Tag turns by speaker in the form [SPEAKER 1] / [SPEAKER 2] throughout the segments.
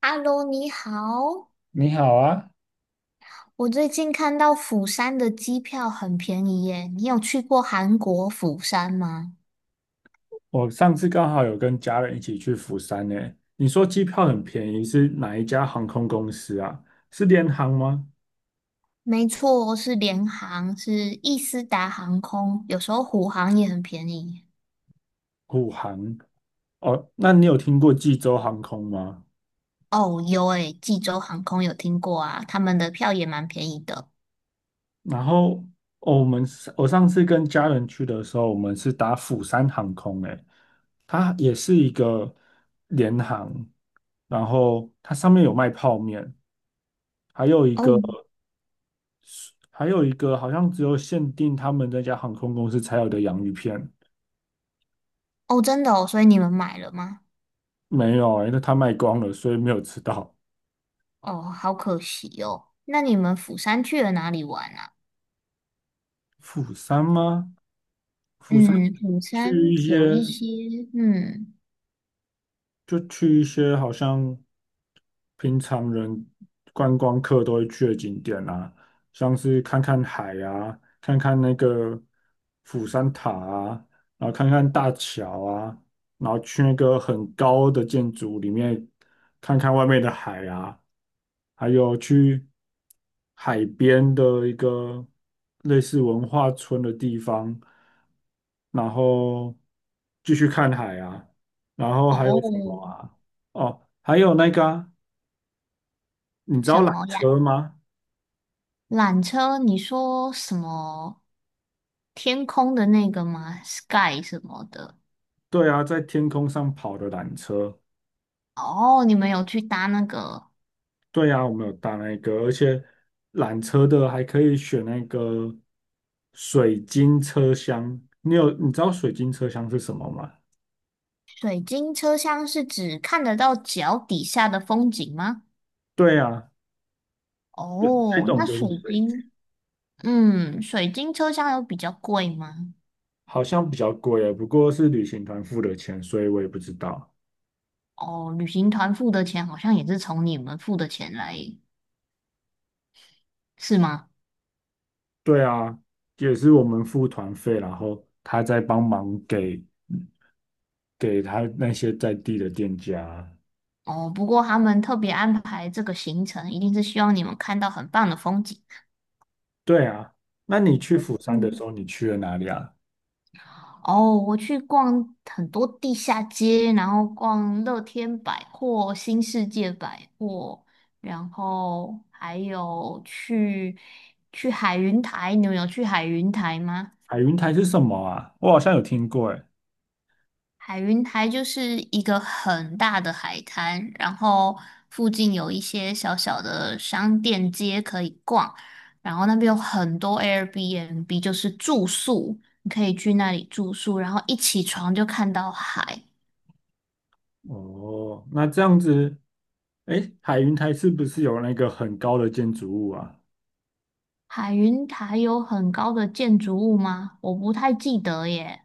[SPEAKER 1] Hello，你好。
[SPEAKER 2] 你好啊，
[SPEAKER 1] 我最近看到釜山的机票很便宜耶，你有去过韩国釜山吗？
[SPEAKER 2] 我上次刚好有跟家人一起去釜山呢。你说机票很便宜，是哪一家航空公司啊？是联航吗？
[SPEAKER 1] 没错，是联航，是易斯达航空，有时候虎航也很便宜。
[SPEAKER 2] 虎航？哦，那你有听过济州航空吗？
[SPEAKER 1] 哦，有诶，济州航空有听过啊，他们的票也蛮便宜的。
[SPEAKER 2] 然后，哦我们是我上次跟家人去的时候，我们是打釜山航空诶，它也是一个联航，然后它上面有卖泡面，还有一
[SPEAKER 1] 哦
[SPEAKER 2] 个。还有一个好像只有限定他们那家航空公司才有的洋芋片，
[SPEAKER 1] 哦，真的哦，所以你们买了吗？
[SPEAKER 2] 没有欸，因为他卖光了，所以没有吃到。
[SPEAKER 1] 哦，好可惜哦。那你们釜山去了哪里玩啊？
[SPEAKER 2] 釜山吗？釜山
[SPEAKER 1] 嗯，釜
[SPEAKER 2] 去
[SPEAKER 1] 山
[SPEAKER 2] 一
[SPEAKER 1] 有一
[SPEAKER 2] 些，
[SPEAKER 1] 些，嗯，
[SPEAKER 2] 就去一些好像平常人观光客都会去的景点啊，像是看看海啊，看看那个釜山塔啊，然后看看大桥啊，然后去那个很高的建筑里面看看外面的海啊，还有去海边的一个类似文化村的地方，然后继续看海啊。然后还有
[SPEAKER 1] 哦，
[SPEAKER 2] 什么啊？哦，还有那个啊，你知道
[SPEAKER 1] 什
[SPEAKER 2] 缆
[SPEAKER 1] 么呀？
[SPEAKER 2] 车吗？
[SPEAKER 1] 缆车，你说什么天空的那个吗？Sky 什么的？
[SPEAKER 2] 对啊，在天空上跑的缆车。
[SPEAKER 1] 哦，你们有去搭那个
[SPEAKER 2] 对啊，我们有搭那个，而且缆车的还可以选那个水晶车厢。你知道水晶车厢是什么吗？
[SPEAKER 1] 水晶车厢，是指看得到脚底下的风景吗？
[SPEAKER 2] 对啊，那
[SPEAKER 1] 哦，
[SPEAKER 2] 种
[SPEAKER 1] 那
[SPEAKER 2] 就是
[SPEAKER 1] 水
[SPEAKER 2] 水晶，
[SPEAKER 1] 晶，嗯，水晶车厢有比较贵吗？
[SPEAKER 2] 好像比较贵耶，不过是旅行团付的钱，所以我也不知道。
[SPEAKER 1] 哦，旅行团付的钱好像也是从你们付的钱来，是吗？
[SPEAKER 2] 对啊，也是我们付团费，然后他再帮忙给。给他那些在地的店家。
[SPEAKER 1] 哦，不过他们特别安排这个行程，一定是希望你们看到很棒的风景。
[SPEAKER 2] 对啊，那你去釜山的时
[SPEAKER 1] 嗯。
[SPEAKER 2] 候，你去了哪里啊？
[SPEAKER 1] 哦，我去逛很多地下街，然后逛乐天百货、新世界百货，然后还有去去海云台。你们有去海云台吗？
[SPEAKER 2] 海云台是什么啊？我好像有听过，哎。
[SPEAKER 1] 海云台就是一个很大的海滩，然后附近有一些小小的商店街可以逛，然后那边有很多 Airbnb，就是住宿，你可以去那里住宿，然后一起床就看到海。
[SPEAKER 2] 哦，那这样子，哎，海云台是不是有那个很高的建筑物啊？
[SPEAKER 1] 海云台有很高的建筑物吗？我不太记得耶。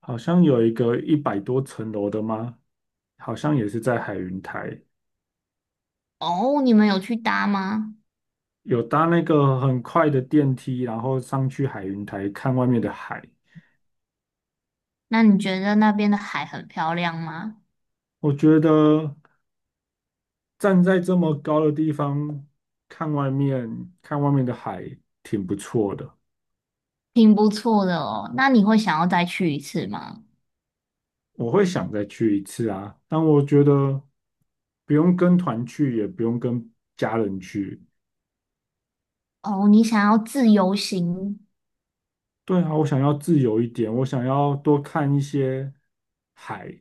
[SPEAKER 2] 好像有一个一百多层楼的吗？好像也是在海云台，
[SPEAKER 1] 哦，你们有去搭吗？
[SPEAKER 2] 有搭那个很快的电梯，然后上去海云台看外面的海。
[SPEAKER 1] 那你觉得那边的海很漂亮吗？
[SPEAKER 2] 我觉得。站在这么高的地方看外面，看外面的海，挺不错的。
[SPEAKER 1] 挺不错的哦。那你会想要再去一次吗？
[SPEAKER 2] 我会想再去一次啊，但我觉得不用跟团去，也不用跟家人去。
[SPEAKER 1] 哦，你想要自由行？
[SPEAKER 2] 对啊，我想要自由一点，我想要多看一些海、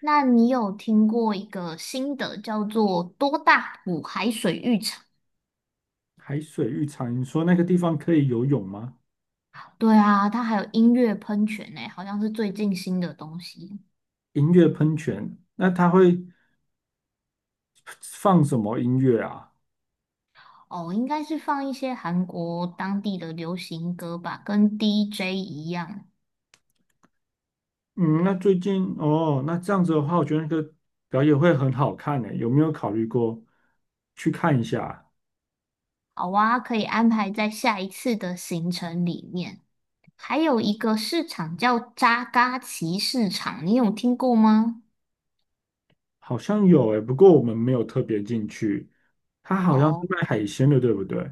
[SPEAKER 1] 那你有听过一个新的叫做多大浦海水浴场？
[SPEAKER 2] 海水浴场。你说那个地方可以游泳吗？
[SPEAKER 1] 对啊，它还有音乐喷泉呢，好像是最近新的东西。
[SPEAKER 2] 音乐喷泉，那它会放什么音乐啊？
[SPEAKER 1] 哦，应该是放一些韩国当地的流行歌吧，跟 DJ 一样。
[SPEAKER 2] 嗯，那最近哦，那这样子的话，我觉得那个表演会很好看诶，有没有考虑过去看一下？
[SPEAKER 1] 好啊，可以安排在下一次的行程里面。还有一个市场叫扎嘎奇市场，你有听过吗？
[SPEAKER 2] 好像有诶，不过我们没有特别进去。它好像是
[SPEAKER 1] 哦，
[SPEAKER 2] 卖海鲜的，对不对？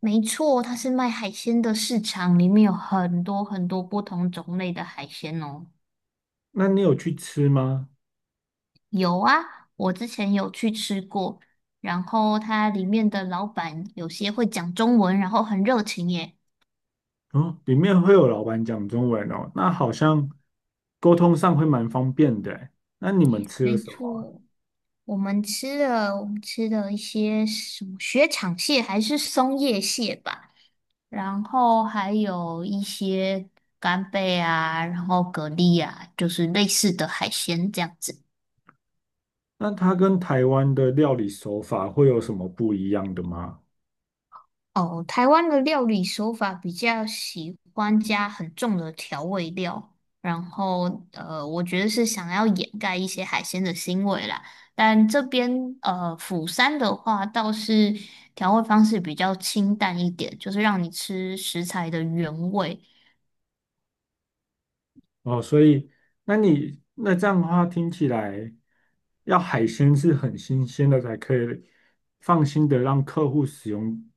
[SPEAKER 1] 没错，它是卖海鲜的市场，里面有很多很多不同种类的海鲜哦。
[SPEAKER 2] 那你有去吃吗？
[SPEAKER 1] 有啊，我之前有去吃过，然后它里面的老板有些会讲中文，然后很热情耶。
[SPEAKER 2] 哦，里面会有老板讲中文哦，那好像沟通上会蛮方便的诶。那你们吃了
[SPEAKER 1] 没
[SPEAKER 2] 什么？
[SPEAKER 1] 错。我们吃了，我们吃了一些什么雪场蟹还是松叶蟹吧，然后还有一些干贝啊，然后蛤蜊啊，就是类似的海鲜这样子。
[SPEAKER 2] 那它跟台湾的料理手法会有什么不一样的吗？
[SPEAKER 1] 哦，台湾的料理手法比较喜欢加很重的调味料，然后我觉得是想要掩盖一些海鲜的腥味啦。但这边釜山的话倒是调味方式比较清淡一点，就是让你吃食材的原味。
[SPEAKER 2] 哦，所以那你那这样的话，听起来要海鲜是很新鲜的才可以放心的让客户使用，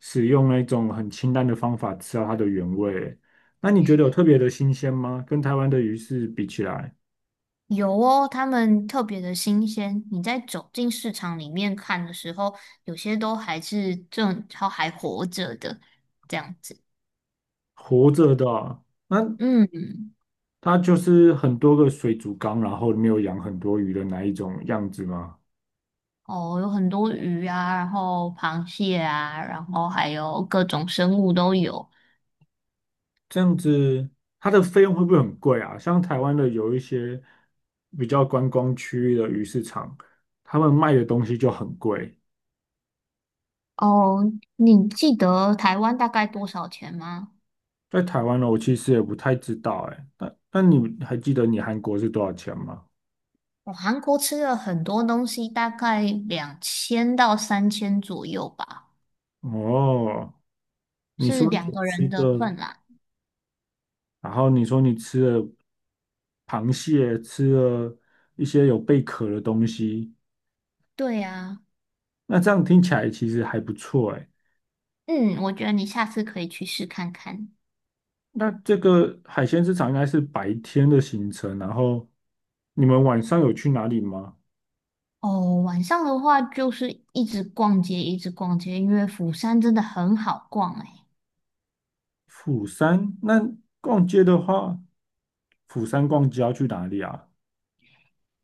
[SPEAKER 2] 那种很清淡的方法吃到它的原味。那你觉得有特别的新鲜吗？跟台湾的鱼是比起来，
[SPEAKER 1] 有哦，它们特别的新鲜。你在走进市场里面看的时候，有些都还是正，它还活着的，这样子。
[SPEAKER 2] 活着的啊，那
[SPEAKER 1] 嗯，
[SPEAKER 2] 它就是很多个水族缸，然后里面有养很多鱼的那一种样子吗？
[SPEAKER 1] 哦，有很多鱼啊，然后螃蟹啊，然后还有各种生物都有。
[SPEAKER 2] 这样子，它的费用会不会很贵啊？像台湾的有一些比较观光区域的鱼市场，他们卖的东西就很贵。
[SPEAKER 1] 哦，你记得台湾大概多少钱吗？
[SPEAKER 2] 在台湾呢，我其实也不太知道哎。那你还记得你韩国是多少钱吗？
[SPEAKER 1] 我韩国吃了很多东西，大概2000到3000左右吧，
[SPEAKER 2] 哦，你
[SPEAKER 1] 是
[SPEAKER 2] 说
[SPEAKER 1] 两
[SPEAKER 2] 你
[SPEAKER 1] 个
[SPEAKER 2] 吃
[SPEAKER 1] 人的
[SPEAKER 2] 的，
[SPEAKER 1] 份啦。
[SPEAKER 2] 然后你说你吃了螃蟹，吃了一些有贝壳的东西，
[SPEAKER 1] 对呀、
[SPEAKER 2] 那这样听起来其实还不错哎。
[SPEAKER 1] 嗯，我觉得你下次可以去试看看。
[SPEAKER 2] 那这个海鲜市场应该是白天的行程，然后你们晚上有去哪里吗？
[SPEAKER 1] 哦，晚上的话就是一直逛街，一直逛街，因为釜山真的很好逛诶。
[SPEAKER 2] 釜山，那逛街的话，釜山逛街要去哪里啊？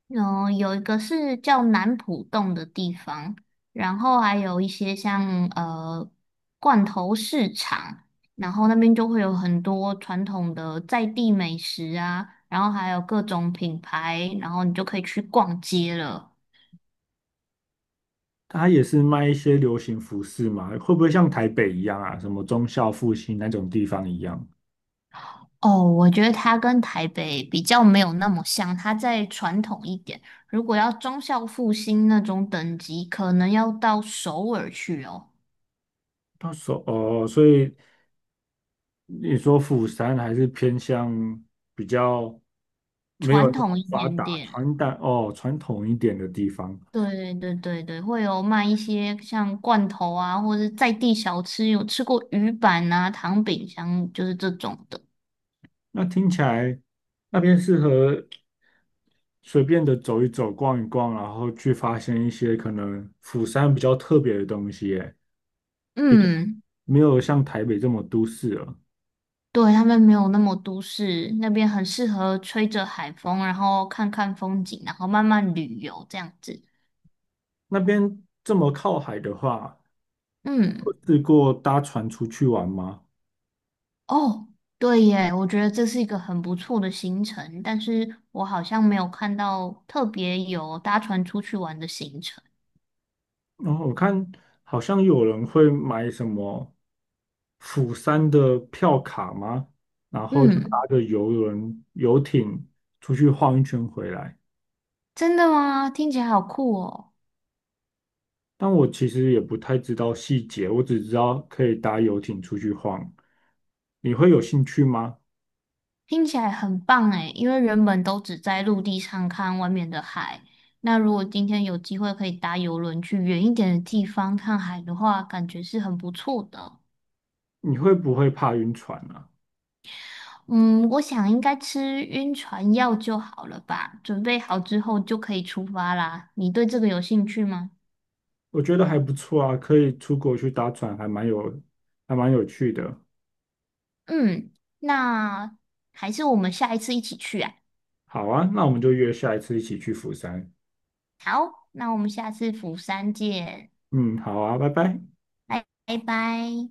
[SPEAKER 1] 嗯，有一个是叫南浦洞的地方，然后还有一些像罐头市场，然后那边就会有很多传统的在地美食啊，然后还有各种品牌，然后你就可以去逛街了。
[SPEAKER 2] 它也是卖一些流行服饰嘛，会不会像台北一样啊？什么忠孝复兴那种地方一样？
[SPEAKER 1] 哦，我觉得它跟台北比较没有那么像，它再传统一点。如果要忠孝复兴那种等级，可能要到首尔去哦，
[SPEAKER 2] 到时候哦，所以你说釜山还是偏向比较没有
[SPEAKER 1] 传
[SPEAKER 2] 那么
[SPEAKER 1] 统一
[SPEAKER 2] 发
[SPEAKER 1] 点
[SPEAKER 2] 达、
[SPEAKER 1] 点。
[SPEAKER 2] 传统一点的地方。
[SPEAKER 1] 对对对对，会有卖一些像罐头啊，或者是在地小吃，有吃过鱼板啊、糖饼香，就是这种的。
[SPEAKER 2] 那听起来那边适合随便的走一走、逛一逛，然后去发现一些可能釜山比较特别的东西，诶，比较
[SPEAKER 1] 嗯，
[SPEAKER 2] 没有像台北这么都市了。
[SPEAKER 1] 对，他们没有那么都市，那边很适合吹着海风，然后看看风景，然后慢慢旅游这样子。
[SPEAKER 2] 那边这么靠海的话，
[SPEAKER 1] 嗯。
[SPEAKER 2] 试过搭船出去玩吗？
[SPEAKER 1] 哦，对耶，我觉得这是一个很不错的行程，但是我好像没有看到特别有搭船出去玩的行程。
[SPEAKER 2] 然后我看好像有人会买什么釜山的票卡吗？然后就搭
[SPEAKER 1] 嗯，
[SPEAKER 2] 着游轮、游艇出去晃一圈回来。
[SPEAKER 1] 真的吗？听起来好酷哦，
[SPEAKER 2] 但我其实也不太知道细节，我只知道可以搭游艇出去晃。你会有兴趣吗？
[SPEAKER 1] 听起来很棒诶，因为原本都只在陆地上看外面的海，那如果今天有机会可以搭游轮去远一点的地方看海的话，感觉是很不错的。
[SPEAKER 2] 你会不会怕晕船啊？
[SPEAKER 1] 嗯，我想应该吃晕船药就好了吧，准备好之后就可以出发啦。你对这个有兴趣吗？
[SPEAKER 2] 我觉得还不错啊，可以出国去搭船，还蛮有趣的。
[SPEAKER 1] 嗯，那还是我们下一次一起去啊。
[SPEAKER 2] 好啊，那我们就约下一次一起去釜山。
[SPEAKER 1] 那我们下次釜山见，
[SPEAKER 2] 嗯，好啊，拜拜。
[SPEAKER 1] 拜拜拜